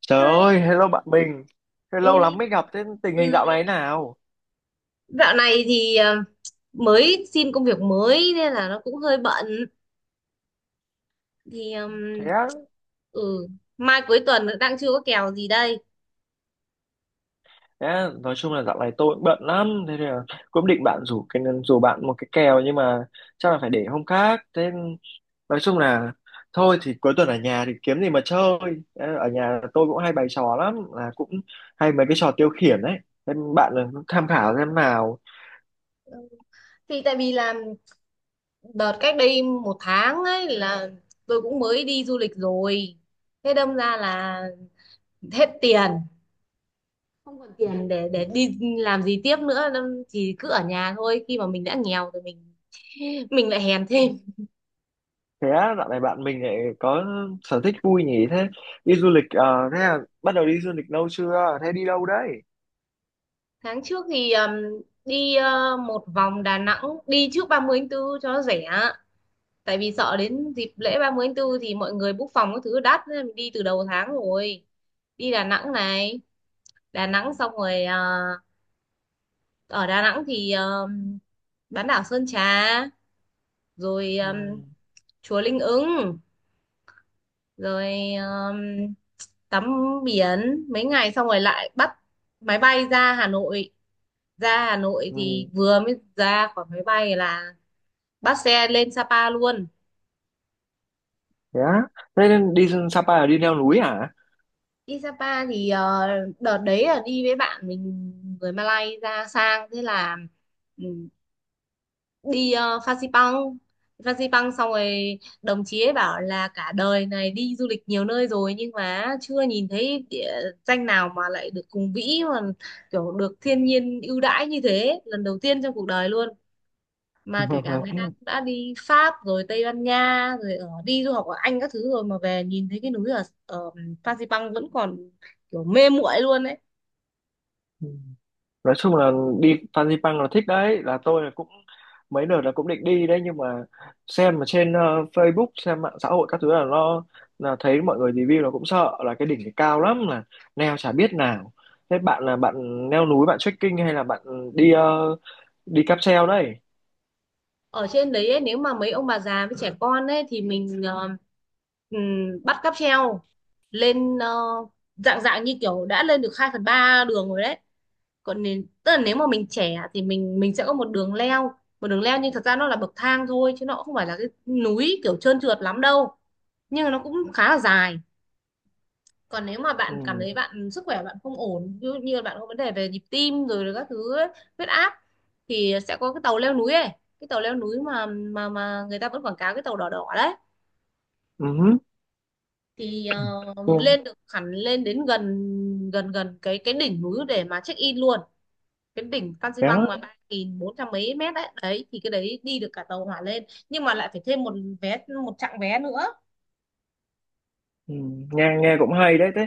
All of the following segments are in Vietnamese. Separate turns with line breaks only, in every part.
Trời
Hai.
ơi, hello bạn mình. Thế lâu
Ôi,
lắm mới gặp, thế tình hình
ừ,
dạo
lơ-
này nào?
dạo này thì mới xin công việc mới nên là nó cũng hơi bận thì
Thế á,
ừ mai cuối tuần đang chưa có kèo gì đây.
thế á, nói chung là dạo này tôi cũng bận lắm, thế nên là cũng định bạn rủ cái rủ bạn một cái kèo nhưng mà chắc là phải để hôm khác. Thế nói chung là thôi thì cuối tuần ở nhà thì kiếm gì mà chơi. Thế ở nhà tôi cũng hay bày trò lắm, là cũng hay mấy cái trò tiêu khiển đấy. Thế bạn là tham khảo xem nào.
Ừ, thì tại vì là đợt cách đây một tháng ấy là tôi cũng mới đi du lịch rồi, thế đâm ra là hết tiền, không còn tiền để đi làm gì tiếp nữa, đâm chỉ cứ ở nhà thôi. Khi mà mình đã nghèo rồi mình lại hèn thêm.
Thế á, dạo này bạn mình lại có sở thích vui nhỉ? Thế đi du lịch, thế là bắt đầu đi du lịch lâu chưa? Thế đi đâu đấy?
Tháng trước thì đi một vòng Đà Nẵng, đi trước 30 tháng 4 cho nó rẻ, tại vì sợ đến dịp lễ 30 tháng 4 thì mọi người book phòng các thứ đắt nên mình đi từ đầu tháng rồi. Đi Đà Nẵng này, Đà Nẵng xong rồi ở Đà Nẵng thì bán đảo Sơn Trà, rồi
Ừ,
chùa Linh Ứng, rồi tắm biển mấy ngày, xong rồi lại bắt máy bay ra Hà Nội. Ra Hà Nội
ừ,
thì vừa mới ra khỏi máy bay là bắt xe lên Sapa luôn.
thế á, thế nên đi Sapa là đi leo núi à?
Đi Sapa thì đợt đấy là đi với bạn mình người Malay ra sang, thế là ừ, đi Phan Xipang. Phan Xipang xong rồi đồng chí ấy bảo là cả đời này đi du lịch nhiều nơi rồi nhưng mà chưa nhìn thấy địa danh nào mà lại được hùng vĩ, mà kiểu được thiên nhiên ưu đãi như thế, lần đầu tiên trong cuộc đời luôn, mà kể cả người ta cũng đã đi Pháp rồi Tây Ban Nha rồi ở đi du học ở Anh các thứ rồi mà về nhìn thấy cái núi ở ở Fansipan vẫn còn kiểu mê muội luôn ấy.
Ừ, nói chung là đi Fansipan là thích đấy, là tôi là cũng mấy đợt là cũng định đi đấy, nhưng mà xem mà trên Facebook, xem mạng xã hội các thứ, là nó là thấy mọi người review là cũng sợ là cái đỉnh thì cao lắm, là leo chả biết nào. Thế bạn là bạn leo núi, bạn trekking hay là bạn đi đi cáp treo đấy?
Ở trên đấy ấy, nếu mà mấy ông bà già với trẻ con ấy thì mình ừm, bắt cáp treo lên, dạng dạng như kiểu đã lên được 2/3 đường rồi đấy. Còn nên, tức là nếu mà mình trẻ thì mình sẽ có một đường leo, một đường leo, nhưng thật ra nó là bậc thang thôi chứ nó cũng không phải là cái núi kiểu trơn trượt lắm đâu, nhưng mà nó cũng khá là dài. Còn nếu mà bạn cảm
Ừ.
thấy bạn sức khỏe bạn không ổn, ví dụ như bạn có vấn đề về nhịp tim rồi các thứ ấy, huyết áp, thì sẽ có cái tàu leo núi ấy, cái tàu leo núi mà người ta vẫn quảng cáo, cái tàu đỏ đỏ đấy,
Ừ.
thì
Ừ.
lên được hẳn, lên đến gần, gần cái đỉnh núi để mà check in luôn. Cái đỉnh Phan Xi
Thế á.
Păng mà ba nghìn bốn trăm mấy mét đấy đấy thì cái đấy đi được cả tàu hỏa lên, nhưng mà lại phải thêm một vé, một chặng vé nữa.
Ừ, nghe nghe cũng hay đấy. Thế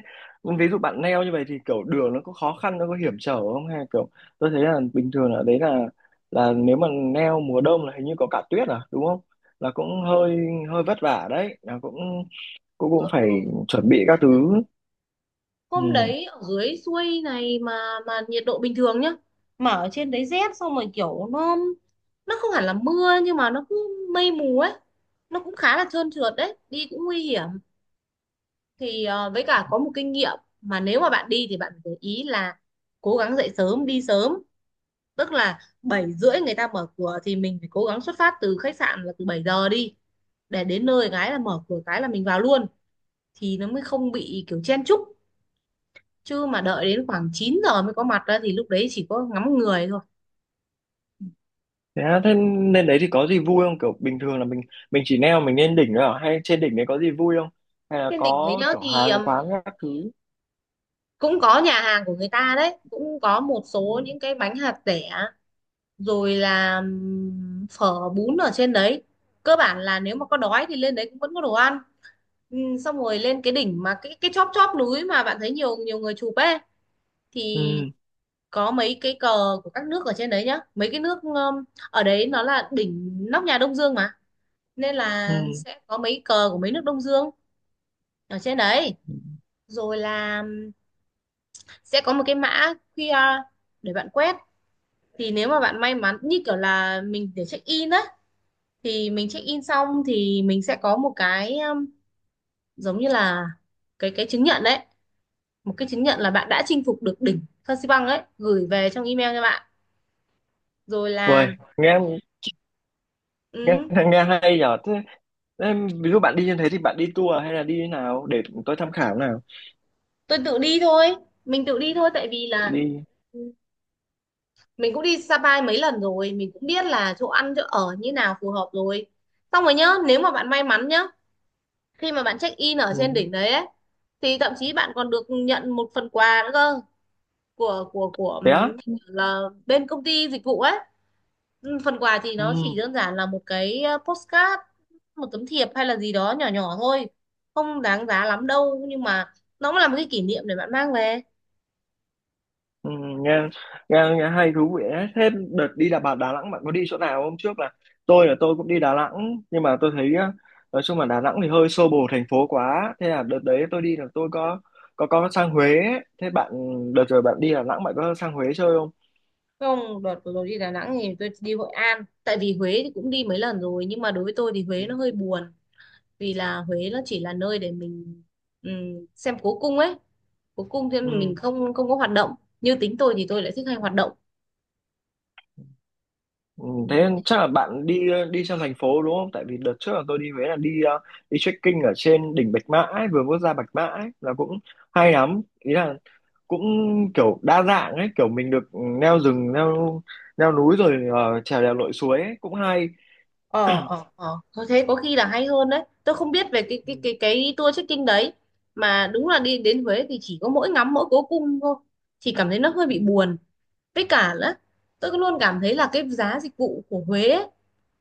ví dụ bạn neo như vậy thì kiểu đường nó có khó khăn, nó có hiểm trở không, hay kiểu tôi thấy là bình thường ở đấy là nếu mà neo mùa đông là hình như có cả tuyết à, đúng không? Là cũng hơi hơi vất vả đấy, là cũng cũng cũng
Ừ,
phải chuẩn
ừ.
bị các thứ. Ừ.
Hôm đấy ở dưới xuôi này mà nhiệt độ bình thường nhá, mà ở trên đấy rét, xong rồi kiểu nó không hẳn là mưa nhưng mà nó cứ mây mù ấy, nó cũng khá là trơn trượt đấy, đi cũng nguy hiểm. Thì với cả có một kinh nghiệm, mà nếu mà bạn đi thì bạn phải để ý là cố gắng dậy sớm đi sớm, tức là 7 rưỡi người ta mở cửa thì mình phải cố gắng xuất phát từ khách sạn là từ 7 giờ đi, để đến nơi cái là mở cửa cái là mình vào luôn, thì nó mới không bị kiểu chen chúc. Chứ mà đợi đến khoảng 9 giờ mới có mặt đó thì lúc đấy chỉ có ngắm người thôi.
Thế, á, thế lên đấy thì có gì vui không, kiểu bình thường là mình chỉ neo mình lên đỉnh thôi à, hay trên đỉnh đấy có gì vui không, hay là
Trên đỉnh đấy
có
nhớ
kiểu
thì
hàng quán các thứ?
cũng có nhà hàng của người ta đấy, cũng có một số những
Ừ.
cái bánh hạt dẻ, rồi là phở bún ở trên đấy. Cơ bản là nếu mà có đói thì lên đấy cũng vẫn có đồ ăn. Ừ, xong rồi lên cái đỉnh mà cái chóp chóp núi mà bạn thấy nhiều nhiều người chụp ấy, thì
Ừ.
có mấy cái cờ của các nước ở trên đấy nhá, mấy cái nước ở đấy nó là đỉnh nóc nhà Đông Dương mà, nên
Ừ.
là sẽ có mấy cờ của mấy nước Đông Dương ở trên đấy. Rồi là sẽ có một cái mã QR để bạn quét. Thì nếu mà bạn may mắn như kiểu là mình để check in á, thì mình check in xong thì mình sẽ có một cái giống như là cái chứng nhận đấy, một cái chứng nhận là bạn đã chinh phục được đỉnh Phan Xi Păng ấy, gửi về trong email cho bạn. Rồi
Uầy,
là
nghe nghe
ừ,
nghe hay nhở. Thế em, ví dụ bạn đi như thế thì bạn đi tour hay là đi thế nào để tôi tham khảo nào?
tôi tự đi thôi, mình tự đi thôi. Tại vì là
Đi.
ừ, mình cũng đi Sapa mấy lần rồi, mình cũng biết là chỗ ăn chỗ ở như nào phù hợp rồi. Xong rồi nhớ nếu mà bạn may mắn nhá, khi mà bạn check in ở
Ừ.
trên đỉnh đấy ấy, thì thậm chí bạn còn được nhận một phần quà nữa cơ, của
Thế á.
là bên công ty dịch vụ ấy. Phần quà thì nó chỉ
Ừ.
đơn giản là một cái postcard, một tấm thiệp hay là gì đó nhỏ nhỏ thôi, không đáng giá lắm đâu nhưng mà nó cũng là một cái kỷ niệm để bạn mang về.
Ừ. Nghe, nghe hay thú vị đấy. Thế đợt đi là bà Đà Nẵng bạn có đi chỗ nào? Hôm trước là tôi cũng đi Đà Nẵng, nhưng mà tôi thấy á, nói chung là Đà Nẵng thì hơi xô bồ, thành phố quá, thế là đợt đấy tôi đi là tôi có có sang Huế ấy. Thế bạn đợt rồi bạn đi Đà Nẵng bạn có sang Huế chơi không?
Không, đợt vừa rồi đi Đà Nẵng thì tôi đi Hội An. Tại vì Huế thì cũng đi mấy lần rồi, nhưng mà đối với tôi thì
Ừ.
Huế nó hơi buồn, vì là
Ừ.
Huế nó chỉ là nơi để mình xem cố cung ấy. Cố cung thì mình
Ừ.
không không có hoạt động. Như tính tôi thì tôi lại thích hay hoạt động.
Ừ, thế
Ừm,
nên chắc là bạn đi đi trong thành phố, đúng không? Tại vì đợt trước là tôi đi Huế là đi đi trekking ở trên đỉnh Bạch Mã ấy, vừa bước ra Bạch Mã ấy, là cũng hay lắm. Ý là cũng kiểu đa dạng ấy, kiểu mình được leo rừng, leo leo núi rồi trèo đèo lội suối ấy, cũng hay.
Ờ, ờ, ờ. Thôi thế có khi là hay hơn đấy. Tôi không biết về cái cái
Ừ,
cái cái tour trekking đấy, mà đúng là đi đến Huế thì chỉ có mỗi ngắm mỗi cố cung thôi, thì cảm thấy nó hơi
ừ,
bị buồn. Với cả là tôi luôn cảm thấy là cái giá dịch vụ của Huế ấy,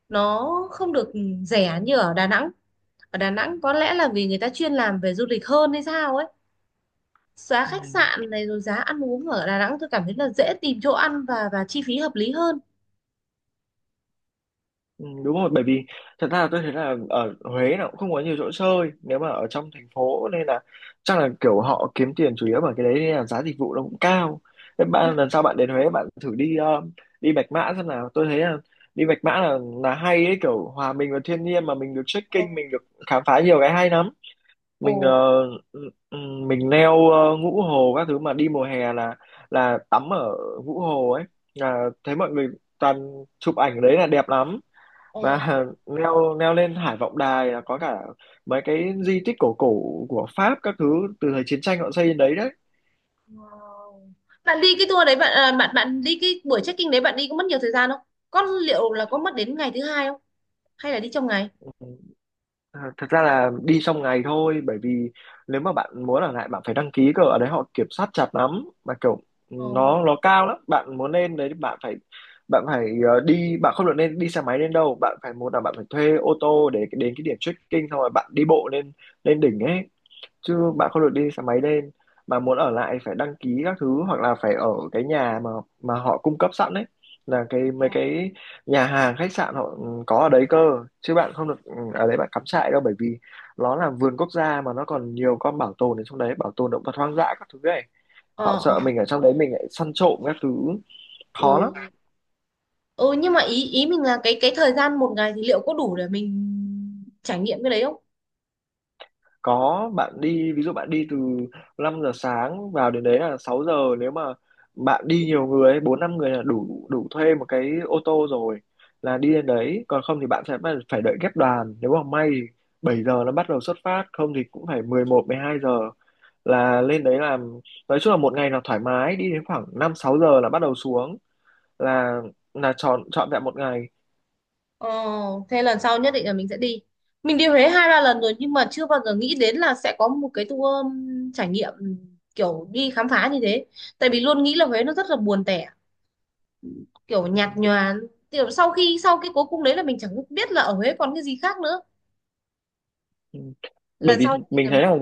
nó không được rẻ như ở Đà Nẵng. Ở Đà Nẵng có lẽ là vì người ta chuyên làm về du lịch hơn hay sao ấy, giá
ừ.
khách sạn này rồi giá ăn uống ở Đà Nẵng tôi cảm thấy là dễ tìm chỗ ăn, và chi phí hợp lý hơn.
Ừ, đúng rồi, bởi vì thật ra là tôi thấy là ở Huế nó cũng không có nhiều chỗ chơi nếu mà ở trong thành phố, nên là chắc là kiểu họ kiếm tiền chủ yếu bởi cái đấy nên là giá dịch vụ nó cũng cao. Thế
Ừ.
bạn lần sau bạn đến Huế bạn thử đi đi Bạch Mã xem nào, tôi thấy là đi Bạch Mã là hay ấy, kiểu hòa mình vào thiên nhiên mà mình được trekking,
Ồ,
mình được khám phá nhiều cái hay lắm.
ồ,
Mình ừ, ừ, mình leo ngũ hồ các thứ, mà đi mùa hè là tắm ở ngũ hồ ấy, là thấy mọi người toàn chụp ảnh ở đấy là đẹp lắm. Và
ồ.
leo leo lên Hải Vọng Đài là có cả mấy cái di tích cổ cổ của Pháp các thứ, từ thời chiến tranh họ xây lên đấy đấy.
Wow. Bạn đi cái tour đấy bạn à, bạn bạn đi cái buổi check-in đấy, bạn đi có mất nhiều thời gian không, có liệu là có mất đến ngày thứ hai không, hay là đi trong ngày?
À, thật ra là đi trong ngày thôi, bởi vì nếu mà bạn muốn ở lại bạn phải đăng ký cơ, ở đấy họ kiểm soát chặt lắm, mà kiểu ừ,
Ồ.
nó cao lắm, bạn muốn lên đấy bạn phải đi bạn không được nên đi xe máy lên đâu, bạn phải, một là bạn phải thuê ô tô để đến cái điểm trekking, xong rồi bạn đi bộ lên lên đỉnh ấy,
Ừ.
chứ bạn không được đi xe máy lên. Mà muốn ở lại phải đăng ký các thứ, hoặc là phải ở cái nhà mà họ cung cấp sẵn đấy, là cái mấy cái nhà hàng khách sạn họ ừ, có ở đấy cơ, chứ bạn không được ừ, ở đấy bạn cắm trại đâu, bởi vì nó là vườn quốc gia mà nó còn nhiều con bảo tồn ở trong đấy, bảo tồn động vật hoang dã các thứ ấy,
Ờ,
họ sợ
ờ.
mình ở trong đấy mình lại săn trộm các thứ, khó
Ừ.
lắm.
Ừ, nhưng mà ý ý mình là cái thời gian một ngày thì liệu có đủ để mình trải nghiệm cái đấy không?
Có, bạn đi, ví dụ bạn đi từ 5 giờ sáng, vào đến đấy là 6 giờ, nếu mà bạn đi nhiều người ấy, 4 5 người là đủ đủ thuê một cái ô tô rồi, là đi đến đấy, còn không thì bạn sẽ phải phải đợi ghép đoàn, nếu mà may thì 7 giờ nó bắt đầu xuất phát, không thì cũng phải mười một mười hai giờ là lên đấy làm. Nói chung là một ngày là thoải mái, đi đến khoảng 5 6 giờ là bắt đầu xuống, là là chọn chọn vẹn một ngày.
Ồ, thế lần sau nhất định là mình sẽ đi. Mình đi Huế 2-3 lần rồi, nhưng mà chưa bao giờ nghĩ đến là sẽ có một cái tour trải nghiệm, kiểu đi khám phá như thế. Tại vì luôn nghĩ là Huế nó rất là buồn tẻ, kiểu
Ừ,
nhạt nhòa. Kiểu sau khi sau cái cố cung đấy là mình chẳng biết là ở Huế còn cái gì khác nữa.
ừ. Bởi
Lần
vì
sau nhất định
mình
là mình
thấy
sẽ đi.
là,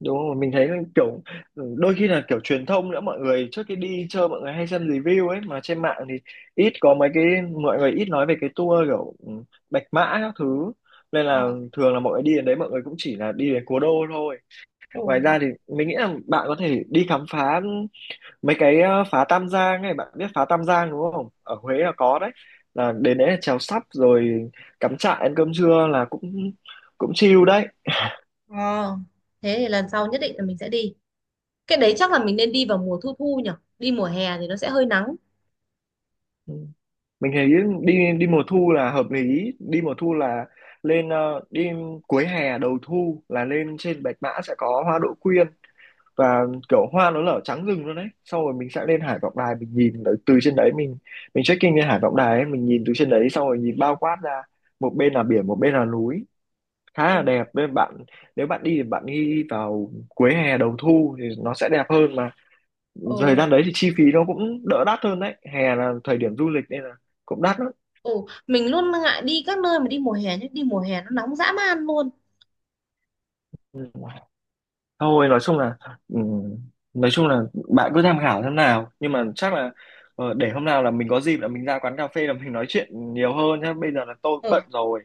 đúng không, mình thấy kiểu ừ, đôi khi là kiểu truyền thông nữa, mọi người trước khi đi chơi mọi người hay xem review ấy mà trên mạng thì ít có mấy cái mọi người ít nói về cái tour kiểu ừ, Bạch Mã các thứ, nên
Ờ.
là thường là mọi người đi đến đấy mọi người cũng chỉ là đi đến cố đô thôi.
Ừ.
Ngoài ra thì mình nghĩ là bạn có thể đi khám phá mấy cái phá Tam Giang này, bạn biết phá Tam Giang đúng không, ở Huế là có đấy, là đến đấy là chèo sắp rồi cắm trại ăn cơm trưa là cũng cũng chill đấy.
Ờ, thế thì lần sau nhất định là mình sẽ đi. Cái đấy chắc là mình nên đi vào mùa thu thu nhỉ? Đi mùa hè thì nó sẽ hơi nắng.
Ừ, mình thấy đi đi mùa thu là hợp lý, đi mùa thu là lên đi cuối hè đầu thu là lên trên Bạch Mã sẽ có hoa đỗ quyên, và kiểu hoa nó nở trắng rừng luôn đấy, xong rồi mình sẽ lên Hải Vọng Đài mình nhìn ở từ trên đấy, mình check-in lên Hải Vọng Đài ấy, mình nhìn từ trên đấy xong rồi nhìn bao quát ra, một bên là biển một bên là núi, khá là
Ừ.
đẹp, nên bạn nếu bạn đi thì bạn đi vào cuối hè đầu thu thì nó sẽ đẹp hơn mà, thời
Ừ.
gian đấy thì chi phí nó cũng đỡ đắt hơn đấy, hè là thời điểm du lịch nên là cũng đắt lắm.
Ừ, mình luôn ngại đi các nơi mà đi mùa hè, chứ đi mùa hè nó nóng dã man luôn.
Ừ. Thôi nói chung là ừ, nói chung là bạn cứ tham khảo thế nào, nhưng mà chắc là để hôm nào là mình có dịp là mình ra quán cà phê là mình nói chuyện nhiều hơn nhá. Bây giờ là tôi cũng
Ừ,
bận rồi.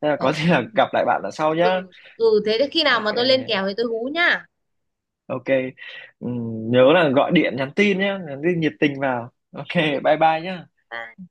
Nên là có
ừ,
gì là gặp lại bạn là sau nhá.
ừ, ừ thế thì khi nào mà
Ok.
tôi lên kèo thì tôi hú nhá.
Ok. Ừ, nhớ là gọi điện nhắn tin nhá, nhắn tin nhiệt tình vào. Ok,
Ok,
bye bye nhá.
bye.